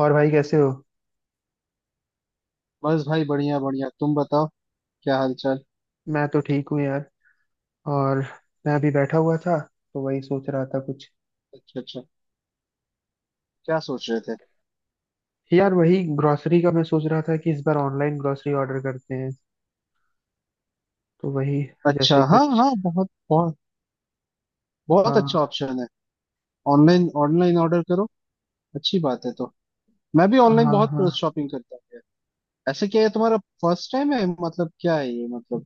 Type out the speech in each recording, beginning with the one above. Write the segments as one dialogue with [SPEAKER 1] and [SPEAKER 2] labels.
[SPEAKER 1] और भाई कैसे हो?
[SPEAKER 2] बस भाई बढ़िया बढ़िया, तुम बताओ। क्या हाल चाल?
[SPEAKER 1] मैं तो ठीक हूँ यार। और, मैं अभी बैठा हुआ था तो वही सोच रहा था कुछ।
[SPEAKER 2] अच्छा अच्छा, क्या सोच रहे थे?
[SPEAKER 1] यार वही ग्रोसरी का मैं सोच रहा था कि इस बार ऑनलाइन ग्रोसरी ऑर्डर करते हैं, तो वही
[SPEAKER 2] अच्छा,
[SPEAKER 1] जैसे
[SPEAKER 2] हाँ
[SPEAKER 1] कुछ।
[SPEAKER 2] हाँ, बहुत बहुत बहुत अच्छा
[SPEAKER 1] हाँ
[SPEAKER 2] ऑप्शन है। ऑनलाइन ऑनलाइन ऑर्डर करो, अच्छी बात है। तो मैं भी ऑनलाइन
[SPEAKER 1] हाँ
[SPEAKER 2] बहुत
[SPEAKER 1] हाँ,
[SPEAKER 2] शॉपिंग करता हूँ यार। ऐसे क्या, ये तुम्हारा फर्स्ट टाइम है मतलब, क्या है ये मतलब?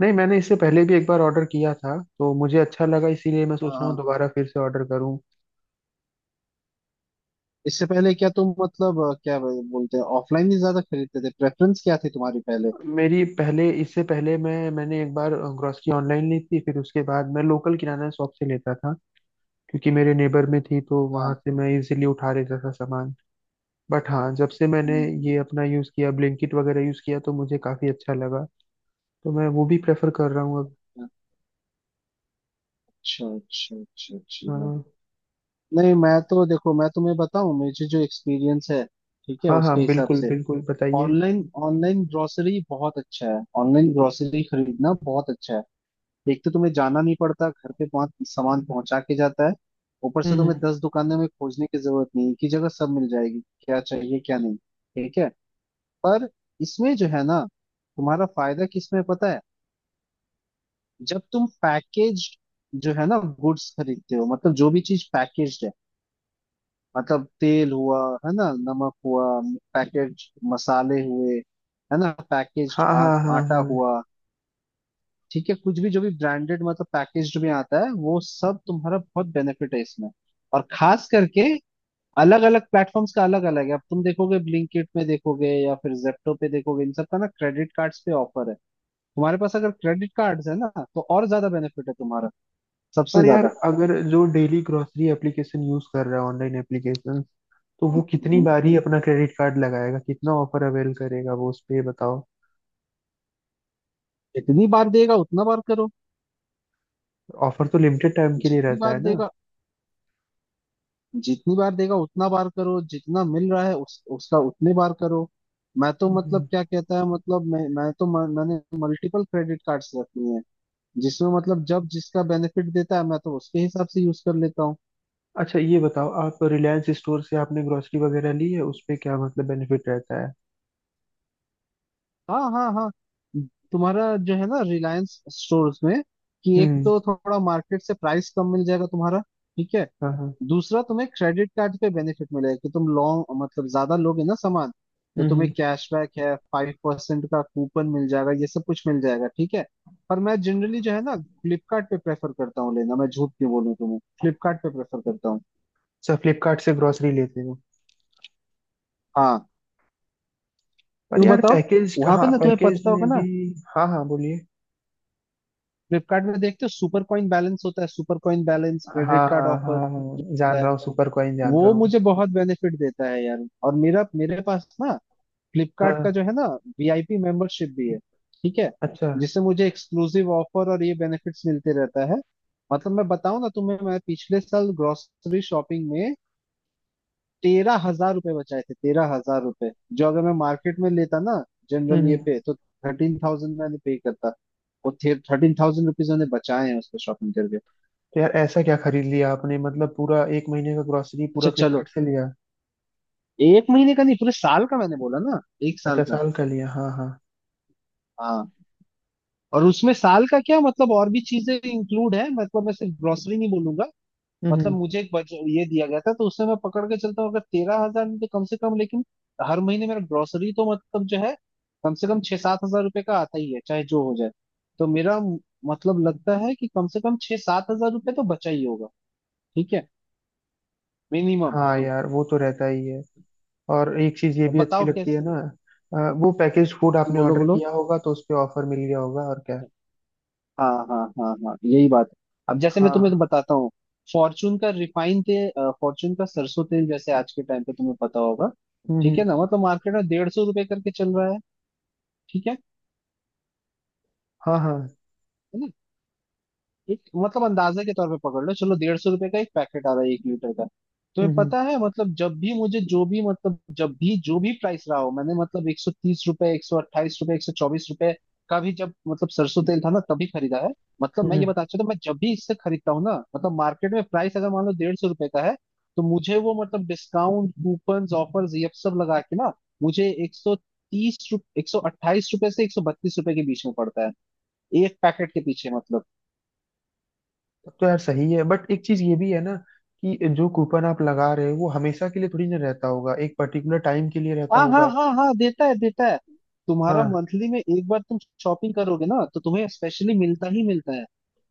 [SPEAKER 1] नहीं मैंने इससे पहले भी एक बार ऑर्डर किया था तो मुझे अच्छा लगा, इसीलिए मैं
[SPEAKER 2] हाँ
[SPEAKER 1] सोच रहा हूँ
[SPEAKER 2] हाँ,
[SPEAKER 1] दोबारा फिर से ऑर्डर करूँ।
[SPEAKER 2] इससे पहले क्या तुम मतलब क्या बोलते हैं, ऑफलाइन ही ज्यादा खरीदते थे? प्रेफरेंस क्या थी तुम्हारी पहले?
[SPEAKER 1] मेरी पहले, इससे पहले मैंने एक बार ग्रोसरी ऑनलाइन ली थी, फिर उसके बाद मैं लोकल किराना शॉप से लेता था क्योंकि मेरे नेबर में थी, तो वहां
[SPEAKER 2] हाँ
[SPEAKER 1] से मैं इजीली उठा लेता था सामान। बट हाँ, जब से मैंने
[SPEAKER 2] हम्म,
[SPEAKER 1] ये अपना यूज़ किया, ब्लिंकिट वगैरह यूज़ किया, तो मुझे काफ़ी अच्छा लगा, तो मैं वो भी प्रेफर कर रहा हूँ अब।
[SPEAKER 2] हाँ। अच्छा अच्छा अच्छा, अच्छी
[SPEAKER 1] अ,
[SPEAKER 2] बात। नहीं, मैं तो देखो, मैं तुम्हें बताऊं, मुझे जो एक्सपीरियंस है, ठीक है
[SPEAKER 1] हाँ हाँ
[SPEAKER 2] उसके हिसाब
[SPEAKER 1] बिल्कुल
[SPEAKER 2] से।
[SPEAKER 1] बिल्कुल बताइए।
[SPEAKER 2] ऑनलाइन, ऑनलाइन ग्रोसरी बहुत अच्छा है, ऑनलाइन ग्रोसरी खरीदना बहुत अच्छा है। एक तो तुम्हें जाना नहीं पड़ता, घर पे पाँच सामान पहुंचा के जाता है। ऊपर से
[SPEAKER 1] हम्म
[SPEAKER 2] तुम्हें
[SPEAKER 1] हम्म।
[SPEAKER 2] 10 दुकानों में खोजने की जरूरत नहीं, एक ही जगह सब मिल जाएगी, क्या चाहिए क्या नहीं, ठीक है। पर इसमें जो है ना, तुम्हारा फायदा किसमें है पता है? जब तुम पैकेज, जो है ना, गुड्स खरीदते हो, मतलब जो भी चीज पैकेज, मतलब तेल हुआ, है ना, नमक हुआ, पैकेट, मसाले हुए, है ना, पैकेज्ड,
[SPEAKER 1] हाँ हाँ हाँ
[SPEAKER 2] आटा
[SPEAKER 1] हाँ।
[SPEAKER 2] हुआ, ठीक है, कुछ भी जो भी ब्रांडेड मतलब पैकेज्ड में आता है, वो सब तुम्हारा बहुत बेनिफिट है इसमें। और खास करके अलग अलग प्लेटफॉर्म्स का अलग अलग है। अब तुम देखोगे, ब्लिंकिट में देखोगे या फिर जेप्टो पे देखोगे, इन सब का ना क्रेडिट कार्ड्स पे ऑफर है। तुम्हारे पास अगर क्रेडिट कार्ड्स है ना, तो और ज्यादा बेनिफिट है तुम्हारा, सबसे
[SPEAKER 1] पर यार
[SPEAKER 2] ज्यादा।
[SPEAKER 1] अगर जो डेली ग्रोसरी एप्लीकेशन यूज़ कर रहा है, ऑनलाइन एप्लीकेशन, तो वो कितनी
[SPEAKER 2] हम्म।
[SPEAKER 1] बार ही अपना क्रेडिट कार्ड लगाएगा, कितना ऑफर अवेल करेगा वो उस पे, ये बताओ।
[SPEAKER 2] जितनी बार देगा उतना बार करो,
[SPEAKER 1] ऑफर तो लिमिटेड टाइम के लिए
[SPEAKER 2] जितनी
[SPEAKER 1] रहता
[SPEAKER 2] बार
[SPEAKER 1] है ना?
[SPEAKER 2] देगा, जितनी बार देगा उतना बार करो, जितना मिल रहा है उस उसका उतने बार करो। मैं तो मतलब
[SPEAKER 1] हम्म।
[SPEAKER 2] क्या कहता है, मतलब मैं तो मैंने मल्टीपल क्रेडिट कार्ड्स रखी हैं, जिसमें मतलब जब जिसका बेनिफिट देता है, मैं तो उसके हिसाब से यूज कर लेता हूँ।
[SPEAKER 1] अच्छा ये बताओ, आप रिलायंस स्टोर से आपने ग्रोसरी वगैरह ली है, उस पे क्या मतलब बेनिफिट रहता है?
[SPEAKER 2] हाँ हाँ हाँ, तुम्हारा जो है ना रिलायंस स्टोर्स में, कि एक
[SPEAKER 1] हम्म।
[SPEAKER 2] तो थोड़ा मार्केट से प्राइस कम मिल जाएगा तुम्हारा, ठीक है।
[SPEAKER 1] हाँ हाँ।
[SPEAKER 2] दूसरा तुम्हें क्रेडिट कार्ड पे बेनिफिट मिलेगा, कि तुम लॉन्ग मतलब ज्यादा लोगे ना सामान, तो तुम्हें
[SPEAKER 1] हम्म।
[SPEAKER 2] कैशबैक है, 5% का कूपन मिल जाएगा, ये सब कुछ मिल जाएगा, ठीक है। पर मैं जनरली जो है ना फ्लिपकार्ट पे प्रेफर करता हूँ लेना। मैं झूठ क्यों बोलूँ तुम्हें, फ्लिपकार्ट पे प्रेफर करता हूँ।
[SPEAKER 1] अच्छा, फ्लिपकार्ट से ग्रोसरी लेते हो?
[SPEAKER 2] हाँ,
[SPEAKER 1] पर
[SPEAKER 2] क्यों
[SPEAKER 1] यार
[SPEAKER 2] बताओ,
[SPEAKER 1] पैकेज,
[SPEAKER 2] वहां पे
[SPEAKER 1] हाँ
[SPEAKER 2] ना तुम्हें
[SPEAKER 1] पैकेज
[SPEAKER 2] पता
[SPEAKER 1] में
[SPEAKER 2] होगा ना,
[SPEAKER 1] भी। हाँ हाँ बोलिए।
[SPEAKER 2] फ्लिपकार्ट में देखते हो सुपर कॉइन बैलेंस होता है। सुपर कॉइन बैलेंस, क्रेडिट
[SPEAKER 1] हाँ
[SPEAKER 2] कार्ड
[SPEAKER 1] हाँ
[SPEAKER 2] ऑफर
[SPEAKER 1] हाँ
[SPEAKER 2] जो
[SPEAKER 1] हाँ जान
[SPEAKER 2] होता है,
[SPEAKER 1] रहा हूँ, सुपर कॉइन जान रहा
[SPEAKER 2] वो
[SPEAKER 1] हूँ।
[SPEAKER 2] मुझे बहुत बेनिफिट देता है यार। और मेरा मेरे पास ना फ्लिपकार्ट
[SPEAKER 1] हाँ।
[SPEAKER 2] का जो है ना, वीआईपी मेंबरशिप भी है, ठीक है।
[SPEAKER 1] अच्छा।
[SPEAKER 2] जिससे मुझे एक्सक्लूसिव ऑफर और ये बेनिफिट्स मिलते रहता है। मतलब मैं बताऊं ना तुम्हें, मैं पिछले साल ग्रोसरी शॉपिंग में 13,000 रुपये बचाए थे, 13,000 रुपये। जो अगर मैं मार्केट में लेता ना,
[SPEAKER 1] हम्म
[SPEAKER 2] जनरल ये
[SPEAKER 1] हम्म।
[SPEAKER 2] पे तो 13,000 मैंने पे करता। वो 13,000 रुपीज मैंने बचाए हैं उसमें शॉपिंग करके।
[SPEAKER 1] तो यार ऐसा क्या खरीद लिया आपने? मतलब पूरा एक महीने का ग्रोसरी पूरा
[SPEAKER 2] अच्छा, चलो,
[SPEAKER 1] फ्लिपकार्ट से लिया?
[SPEAKER 2] एक महीने का नहीं, पूरे साल का, मैंने बोला ना, एक साल
[SPEAKER 1] अच्छा
[SPEAKER 2] का।
[SPEAKER 1] साल का लिया, हाँ हाँ।
[SPEAKER 2] हाँ, और उसमें साल का क्या मतलब, और भी चीजें इंक्लूड है, मतलब मैं सिर्फ ग्रोसरी नहीं बोलूंगा।
[SPEAKER 1] हम्म
[SPEAKER 2] मतलब
[SPEAKER 1] हम्म।
[SPEAKER 2] मुझे एक ये दिया गया था, तो उससे मैं पकड़ के चलता हूँ। अगर 13,000 में तो कम से कम, लेकिन हर महीने मेरा ग्रोसरी तो मतलब जो है कम से कम 6-7 हजार रुपये का आता ही है, चाहे जो हो जाए। तो मतलब लगता है कि कम से कम छह सात हजार रुपये तो बचा ही होगा, ठीक है, मिनिमम।
[SPEAKER 1] हाँ यार वो तो रहता ही है। और एक चीज ये भी अच्छी
[SPEAKER 2] बताओ
[SPEAKER 1] लगती है
[SPEAKER 2] कैसे?
[SPEAKER 1] ना। वो पैकेज फूड आपने
[SPEAKER 2] बोलो
[SPEAKER 1] ऑर्डर
[SPEAKER 2] बोलो,
[SPEAKER 1] किया होगा तो उस पे ऑफर मिल गया होगा और क्या।
[SPEAKER 2] हाँ हाँ हाँ हाँ, यही बात है। अब जैसे मैं तुम्हें
[SPEAKER 1] हाँ।
[SPEAKER 2] बताता हूँ, फॉर्चून का रिफाइंड तेल, फॉर्चून का सरसों तेल, जैसे आज के टाइम पे तुम्हें पता होगा,
[SPEAKER 1] हम्म हम्म।
[SPEAKER 2] ठीक है ना, मतलब मार्केट में 150 रुपए करके चल रहा है, ठीक है
[SPEAKER 1] हाँ हाँ।
[SPEAKER 2] है। एक मतलब अंदाजे के तौर पे पकड़ लो, चलो 150 रुपए का एक पैकेट आ रहा है 1 लीटर का। तुम्हें
[SPEAKER 1] हम्म।
[SPEAKER 2] पता है, मतलब जब भी मुझे जो भी, मतलब जब भी जो भी प्राइस रहा हो, मैंने मतलब 130 रुपए, 128 रुपए, 124 रुपए का भी जब मतलब सरसों तेल था ना, तभी खरीदा है। मतलब मैं ये
[SPEAKER 1] हम्म।
[SPEAKER 2] बताना चाहता हूँ, मैं जब भी इससे खरीदता हूँ ना, मतलब मार्केट में प्राइस अगर मान लो 150 रुपए का है, तो मुझे वो, मतलब डिस्काउंट, कूपन, ऑफर्स ये सब लगा के ना, मुझे 130, 128 रुपए से 132 रुपए के बीच में पड़ता है, एक पैकेट के पीछे मतलब।
[SPEAKER 1] तब तो यार सही है, बट एक चीज ये भी है ना कि जो कूपन आप लगा रहे हो वो हमेशा के लिए थोड़ी ना रहता होगा, एक पर्टिकुलर टाइम के लिए रहता
[SPEAKER 2] हाँ हाँ
[SPEAKER 1] होगा।
[SPEAKER 2] हाँ हाँ, देता है देता है, तुम्हारा
[SPEAKER 1] हाँ।
[SPEAKER 2] मंथली में एक बार तुम शॉपिंग करोगे ना, तो तुम्हें स्पेशली मिलता ही मिलता है।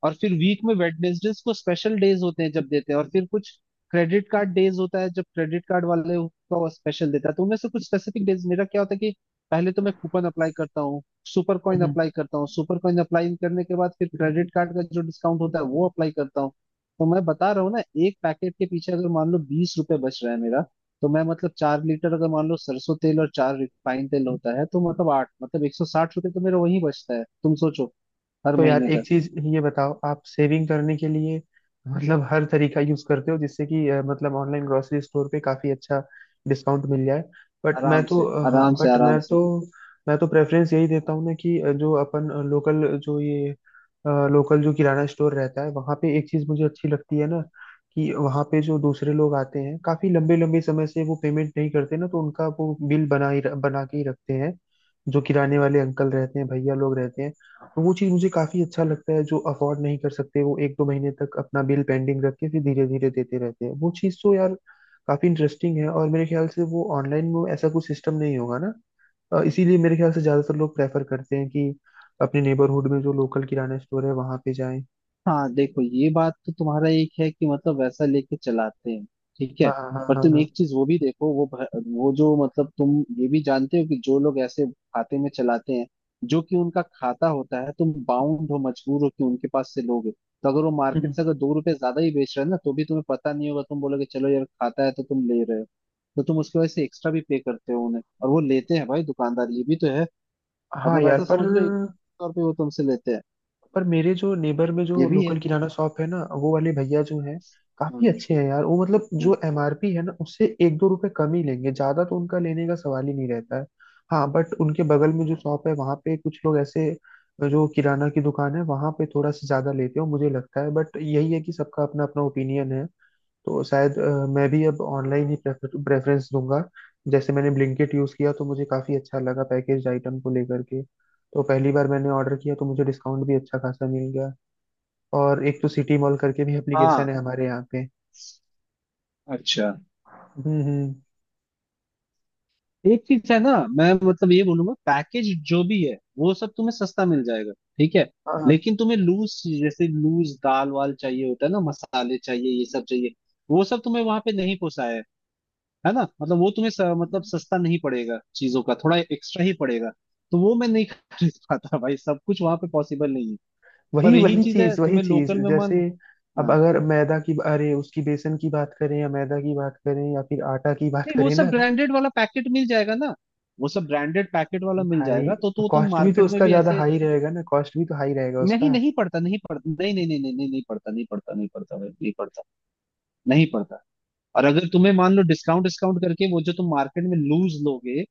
[SPEAKER 2] और फिर वीक में वेडनेसडेज को स्पेशल डेज होते हैं जब देते हैं, और फिर कुछ क्रेडिट कार्ड डेज होता है जब क्रेडिट कार्ड वाले का स्पेशल देता है, तो उनमें से कुछ स्पेसिफिक डेज मेरा क्या होता है कि पहले तो मैं कूपन अप्लाई करता हूँ, सुपर कॉइन
[SPEAKER 1] हम्म।
[SPEAKER 2] अप्लाई करता हूँ, सुपर कॉइन अप्लाई करने के बाद फिर क्रेडिट कार्ड का जो डिस्काउंट होता है वो अप्लाई करता हूँ। तो मैं बता रहा हूँ ना, एक पैकेट के पीछे अगर मान लो 20 रुपए बच रहा है मेरा, तो मैं मतलब 4 लीटर अगर मान लो सरसों तेल और चार रिफाइंड तेल होता है, तो मतलब आठ मतलब 160 रुपये तो मेरा वहीं बचता है तुम सोचो, हर
[SPEAKER 1] तो यार
[SPEAKER 2] महीने का।
[SPEAKER 1] एक चीज ये बताओ, आप सेविंग करने के लिए मतलब हर तरीका यूज करते हो जिससे कि मतलब ऑनलाइन ग्रोसरी स्टोर पे काफी अच्छा डिस्काउंट मिल जाए। बट मैं
[SPEAKER 2] आराम
[SPEAKER 1] तो,
[SPEAKER 2] से
[SPEAKER 1] हाँ
[SPEAKER 2] आराम से
[SPEAKER 1] बट
[SPEAKER 2] आराम
[SPEAKER 1] मैं
[SPEAKER 2] से।
[SPEAKER 1] तो मैं तो प्रेफरेंस यही देता हूँ ना कि जो अपन लोकल, जो ये लोकल जो किराना स्टोर रहता है वहाँ पे एक चीज मुझे अच्छी लगती है ना, कि वहाँ पे जो दूसरे लोग आते हैं काफी लंबे लंबे समय से वो पेमेंट नहीं करते ना, तो उनका वो बिल बना ही बना के ही रखते हैं जो किराने वाले अंकल रहते हैं, भैया लोग रहते हैं। तो वो चीज मुझे काफी अच्छा लगता है, जो अफोर्ड नहीं कर सकते वो एक दो महीने तक अपना बिल पेंडिंग रख के फिर धीरे धीरे देते रहते हैं। वो चीज तो यार काफी इंटरेस्टिंग है, और मेरे ख्याल से वो ऑनलाइन में ऐसा कुछ सिस्टम नहीं होगा ना। इसीलिए मेरे ख्याल से ज्यादातर लोग प्रेफर करते हैं कि अपने नेबरहुड में जो लोकल किराना स्टोर है वहां पे जाएं।
[SPEAKER 2] हाँ देखो, ये बात तो तुम्हारा एक है कि मतलब वैसा लेके चलाते हैं, ठीक है।
[SPEAKER 1] हाँ हाँ हाँ
[SPEAKER 2] पर
[SPEAKER 1] हाँ
[SPEAKER 2] तुम
[SPEAKER 1] हाँ।
[SPEAKER 2] एक चीज वो भी देखो, वो जो मतलब तुम ये भी जानते हो कि जो लोग ऐसे खाते में चलाते हैं जो कि उनका खाता होता है, तुम बाउंड हो, मजबूर हो कि उनके पास से लोगे, तो अगर वो
[SPEAKER 1] हम्म।
[SPEAKER 2] मार्केट से अगर 2 रुपए ज्यादा ही बेच रहा है ना, तो भी तुम्हें पता नहीं होगा, तुम बोलोगे चलो यार खाता है तो तुम ले रहे हो। तो तुम उसकी वजह से एक्स्ट्रा भी पे करते हो उन्हें, और वो लेते हैं भाई दुकानदार, ये भी तो है।
[SPEAKER 1] हाँ
[SPEAKER 2] मतलब
[SPEAKER 1] यार,
[SPEAKER 2] ऐसा समझ लो, एक तौर पे वो तुमसे लेते हैं,
[SPEAKER 1] पर मेरे जो नेबर में
[SPEAKER 2] ये
[SPEAKER 1] जो
[SPEAKER 2] भी
[SPEAKER 1] लोकल
[SPEAKER 2] है।
[SPEAKER 1] किराना शॉप है ना, वो वाले भैया जो हैं काफी
[SPEAKER 2] हम्म
[SPEAKER 1] अच्छे हैं यार, वो मतलब जो
[SPEAKER 2] हम्म।
[SPEAKER 1] एमआरपी है ना उससे एक दो रुपए कम ही लेंगे, ज्यादा तो उनका लेने का सवाल ही नहीं रहता है। हाँ बट उनके बगल में जो शॉप है वहाँ पे कुछ लोग ऐसे, जो किराना की दुकान है वहाँ पे थोड़ा सा ज्यादा लेते हो मुझे लगता है। बट यही है कि सबका अपना अपना ओपिनियन है, तो शायद मैं भी अब ऑनलाइन ही प्रेफरेंस दूंगा। जैसे मैंने ब्लिंकिट यूज़ किया तो मुझे काफ़ी अच्छा लगा पैकेज आइटम को लेकर के, तो पहली बार मैंने ऑर्डर किया तो मुझे डिस्काउंट भी अच्छा खासा मिल गया। और एक तो सिटी मॉल करके भी एप्लीकेशन
[SPEAKER 2] हाँ
[SPEAKER 1] है हमारे यहाँ पे।
[SPEAKER 2] अच्छा,
[SPEAKER 1] हम्म।
[SPEAKER 2] एक चीज है ना, मैं मतलब ये बोलूंगा पैकेज जो भी है वो सब तुम्हें सस्ता मिल जाएगा, ठीक है।
[SPEAKER 1] हाँ हाँ।
[SPEAKER 2] लेकिन तुम्हें लूज, जैसे लूज दाल वाल चाहिए होता है ना, मसाले चाहिए, ये सब चाहिए, वो सब तुम्हें वहां पे नहीं पोसाया है ना, मतलब वो तुम्हें मतलब सस्ता नहीं पड़ेगा, चीजों का थोड़ा एक्स्ट्रा ही पड़ेगा। तो वो मैं नहीं खरीद पाता भाई, सब कुछ वहां पे पॉसिबल नहीं है। पर
[SPEAKER 1] वही
[SPEAKER 2] यही चीज है
[SPEAKER 1] वही
[SPEAKER 2] तुम्हें
[SPEAKER 1] चीज़
[SPEAKER 2] लोकल में मन,
[SPEAKER 1] जैसे, अब
[SPEAKER 2] हाँ,
[SPEAKER 1] अगर मैदा की, अरे उसकी बेसन की बात करें या मैदा की बात करें या फिर आटा की बात
[SPEAKER 2] नहीं वो
[SPEAKER 1] करें
[SPEAKER 2] सब
[SPEAKER 1] ना
[SPEAKER 2] ब्रांडेड वाला पैकेट मिल जाएगा ना। वो सब ब्रांडेड पैकेट वाला मिल
[SPEAKER 1] भाई,
[SPEAKER 2] जाएगा,
[SPEAKER 1] तो
[SPEAKER 2] तो तुम
[SPEAKER 1] कॉस्ट भी तो
[SPEAKER 2] मार्केट में
[SPEAKER 1] उसका
[SPEAKER 2] भी
[SPEAKER 1] ज़्यादा
[SPEAKER 2] ऐसे,
[SPEAKER 1] हाई रहेगा ना, कॉस्ट भी तो हाई रहेगा
[SPEAKER 2] नहीं
[SPEAKER 1] उसका।
[SPEAKER 2] नहीं पढ़ता, नहीं पढ़ता, नहीं नहीं नहीं नहीं नहीं नहीं पढ़ता, नहीं पढ़ता, नहीं पढ़ता भाई नहीं पढ़ता, नहीं पढ़ता। और अगर तुम्हें मान लो डिस्काउंट डिस्काउंट करके वो जो तुम मार्केट में लूज लोगे,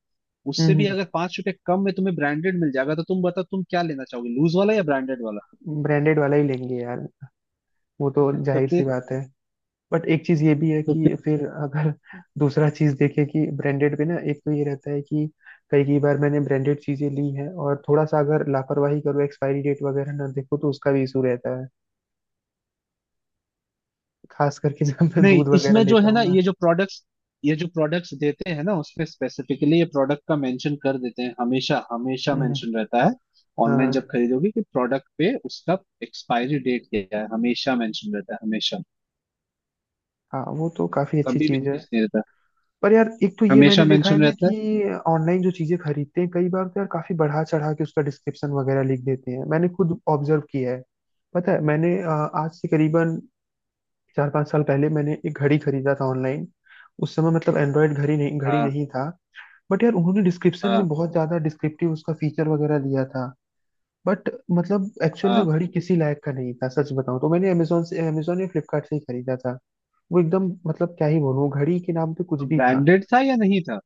[SPEAKER 2] उससे
[SPEAKER 1] हम्म
[SPEAKER 2] भी
[SPEAKER 1] हम्म।
[SPEAKER 2] अगर 5 रुपए कम में तुम्हें ब्रांडेड मिल जाएगा, तो तुम बताओ तुम क्या लेना चाहोगे, लूज वाला या ब्रांडेड वाला?
[SPEAKER 1] ब्रांडेड वाला ही लेंगे यार, वो तो
[SPEAKER 2] तो
[SPEAKER 1] जाहिर सी
[SPEAKER 2] फिर
[SPEAKER 1] बात है। बट एक चीज ये भी है
[SPEAKER 2] तो फिर
[SPEAKER 1] कि फिर अगर दूसरा चीज देखें कि ब्रांडेड पे ना एक तो ये रहता है कि कई कई बार मैंने ब्रांडेड चीजें ली हैं और थोड़ा सा अगर लापरवाही करो, एक्सपायरी डेट वगैरह ना देखो तो उसका भी इशू रहता है, खास करके जब मैं
[SPEAKER 2] नहीं,
[SPEAKER 1] दूध वगैरह
[SPEAKER 2] इसमें जो
[SPEAKER 1] लेता
[SPEAKER 2] है ना,
[SPEAKER 1] हूँ ना।
[SPEAKER 2] ये जो प्रोडक्ट्स देते हैं ना, उसमें स्पेसिफिकली ये प्रोडक्ट का मेंशन कर देते हैं, हमेशा हमेशा
[SPEAKER 1] हम्म,
[SPEAKER 2] मेंशन रहता है।
[SPEAKER 1] हाँ
[SPEAKER 2] ऑनलाइन जब खरीदोगे कि प्रोडक्ट पे उसका एक्सपायरी डेट क्या है, हमेशा मेंशन रहता है, हमेशा।
[SPEAKER 1] हाँ वो तो काफी अच्छी
[SPEAKER 2] कभी भी
[SPEAKER 1] चीज है।
[SPEAKER 2] चीज नहीं रहता,
[SPEAKER 1] पर यार एक तो ये मैंने
[SPEAKER 2] हमेशा
[SPEAKER 1] देखा है
[SPEAKER 2] मेंशन
[SPEAKER 1] ना
[SPEAKER 2] रहता है।
[SPEAKER 1] कि ऑनलाइन जो चीजें खरीदते हैं, कई बार तो यार काफी बढ़ा चढ़ा के उसका डिस्क्रिप्शन वगैरह लिख देते हैं, मैंने खुद ऑब्जर्व किया है। पता है, मैंने आज से करीबन 4 5 साल पहले मैंने एक घड़ी खरीदा था ऑनलाइन। उस समय मतलब एंड्रॉयड घड़ी नहीं घड़ी
[SPEAKER 2] हाँ
[SPEAKER 1] नहीं था। बट यार उन्होंने डिस्क्रिप्शन में
[SPEAKER 2] हाँ
[SPEAKER 1] बहुत ज्यादा डिस्क्रिप्टिव उसका फीचर वगैरह दिया था। बट मतलब एक्चुअल में
[SPEAKER 2] हाँ,
[SPEAKER 1] घड़ी किसी लायक का नहीं था, सच बताऊं तो मैंने अमेजोन या फ्लिपकार्ट से ही खरीदा था। वो एकदम, मतलब क्या ही बोलूं, घड़ी के नाम पे कुछ
[SPEAKER 2] तो
[SPEAKER 1] भी था।
[SPEAKER 2] ब्रांडेड था या नहीं था,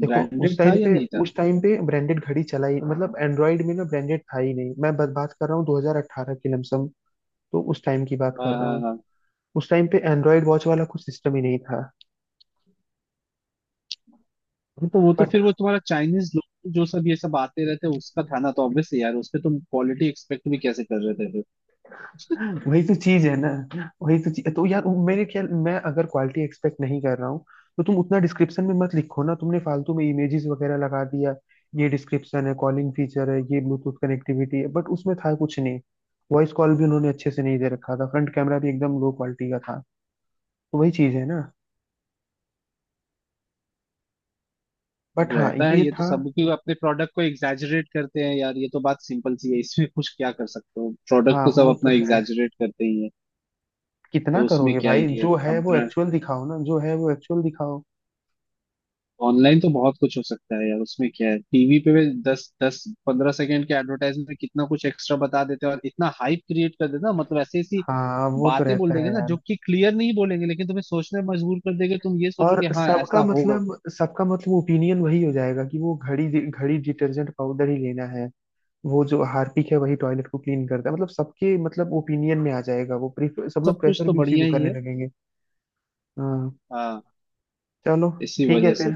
[SPEAKER 1] देखो उस
[SPEAKER 2] ब्रांडेड था
[SPEAKER 1] टाइम
[SPEAKER 2] या
[SPEAKER 1] पे
[SPEAKER 2] नहीं था?
[SPEAKER 1] उस टाइम पे ब्रांडेड घड़ी चला ही, मतलब एंड्रॉयड में ना ब्रांडेड था ही नहीं, मैं बस बात कर रहा हूँ 2018 की लमसम। तो उस टाइम की बात कर
[SPEAKER 2] हाँ
[SPEAKER 1] रहा
[SPEAKER 2] हाँ
[SPEAKER 1] हूँ,
[SPEAKER 2] हाँ
[SPEAKER 1] उस टाइम पे एंड्रॉयड वॉच वाला कुछ सिस्टम ही नहीं था।
[SPEAKER 2] हाँ, तो वो तो
[SPEAKER 1] बट
[SPEAKER 2] फिर वो तुम्हारा चाइनीज लोग जो सब ये सब आते रहते हैं उसका था ना, तो ऑब्वियसली यार, उस पे तुम क्वालिटी एक्सपेक्ट भी कैसे कर रहे थे फिर?
[SPEAKER 1] वही तो चीज है ना, वही तो चीज, तो यार मेरे ख्याल, मैं अगर क्वालिटी एक्सपेक्ट नहीं कर रहा हूँ तो तुम उतना डिस्क्रिप्शन में मत लिखो ना, तुमने फालतू में इमेजेस वगैरह लगा दिया, ये डिस्क्रिप्शन है, कॉलिंग फीचर है, ये ब्लूटूथ कनेक्टिविटी है, बट उसमें था कुछ नहीं। वॉइस कॉल भी उन्होंने अच्छे से नहीं दे रखा था, फ्रंट कैमरा भी एकदम लो क्वालिटी का था। तो वही चीज है ना। बट
[SPEAKER 2] तो
[SPEAKER 1] हाँ
[SPEAKER 2] रहता है
[SPEAKER 1] ये
[SPEAKER 2] ये तो
[SPEAKER 1] था।
[SPEAKER 2] सब, क्यों अपने प्रोडक्ट को एग्जैजरेट करते हैं यार, ये तो बात सिंपल सी है, इसमें कुछ क्या कर सकते हो? प्रोडक्ट
[SPEAKER 1] हाँ
[SPEAKER 2] तो सब
[SPEAKER 1] वो तो
[SPEAKER 2] अपना
[SPEAKER 1] है,
[SPEAKER 2] एग्जैजरेट करते ही है।
[SPEAKER 1] कितना
[SPEAKER 2] तो उसमें
[SPEAKER 1] करोगे
[SPEAKER 2] क्या
[SPEAKER 1] भाई,
[SPEAKER 2] ही है
[SPEAKER 1] जो है
[SPEAKER 2] अब,
[SPEAKER 1] वो एक्चुअल दिखाओ ना, जो है वो एक्चुअल दिखाओ।
[SPEAKER 2] ऑनलाइन तो बहुत कुछ हो सकता है यार, उसमें क्या है, टीवी पे भी दस दस पंद्रह सेकंड के एडवर्टाइजमेंट में कितना कुछ एक्स्ट्रा बता देते हैं और इतना हाइप क्रिएट कर देते हैं ना, मतलब ऐसी ऐसी
[SPEAKER 1] हाँ वो तो
[SPEAKER 2] बातें बोल
[SPEAKER 1] रहता
[SPEAKER 2] देंगे
[SPEAKER 1] है
[SPEAKER 2] ना जो
[SPEAKER 1] यार।
[SPEAKER 2] कि क्लियर नहीं बोलेंगे लेकिन तुम्हें सोचने पर मजबूर कर देंगे, तुम ये सोचो
[SPEAKER 1] और
[SPEAKER 2] कि हाँ
[SPEAKER 1] सबका
[SPEAKER 2] ऐसा होगा।
[SPEAKER 1] मतलब, सबका मतलब ओपिनियन वही हो जाएगा कि वो घड़ी घड़ी डिटर्जेंट पाउडर ही लेना है, वो जो हार्पिक है वही टॉयलेट को क्लीन करता है, मतलब सबके मतलब ओपिनियन में आ जाएगा, वो प्रेफर सब लोग
[SPEAKER 2] सब कुछ
[SPEAKER 1] प्रेफर
[SPEAKER 2] तो
[SPEAKER 1] भी उसी को
[SPEAKER 2] बढ़िया ही
[SPEAKER 1] करने
[SPEAKER 2] है।
[SPEAKER 1] लगेंगे। हाँ।
[SPEAKER 2] हाँ,
[SPEAKER 1] चलो
[SPEAKER 2] इसी
[SPEAKER 1] ठीक है
[SPEAKER 2] वजह से।
[SPEAKER 1] फिर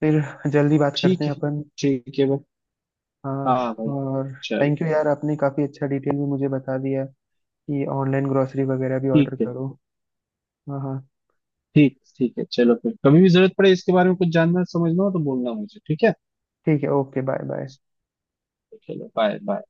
[SPEAKER 1] फिर जल्दी बात करते
[SPEAKER 2] ठीक
[SPEAKER 1] हैं
[SPEAKER 2] है,
[SPEAKER 1] अपन।
[SPEAKER 2] ठीक है भाई।
[SPEAKER 1] हाँ।
[SPEAKER 2] हाँ भाई,
[SPEAKER 1] और
[SPEAKER 2] चलो,
[SPEAKER 1] थैंक यू यार, आपने काफी अच्छा डिटेल में मुझे बता दिया कि ऑनलाइन ग्रोसरी वगैरह भी
[SPEAKER 2] ठीक
[SPEAKER 1] ऑर्डर
[SPEAKER 2] है।
[SPEAKER 1] करो। हाँ हाँ
[SPEAKER 2] ठीक ठीक है, चलो फिर, कभी भी जरूरत पड़े इसके बारे में कुछ जानना समझना हो तो बोलना मुझे, ठीक है।
[SPEAKER 1] ठीक है, ओके बाय बाय।
[SPEAKER 2] चलो बाय बाय।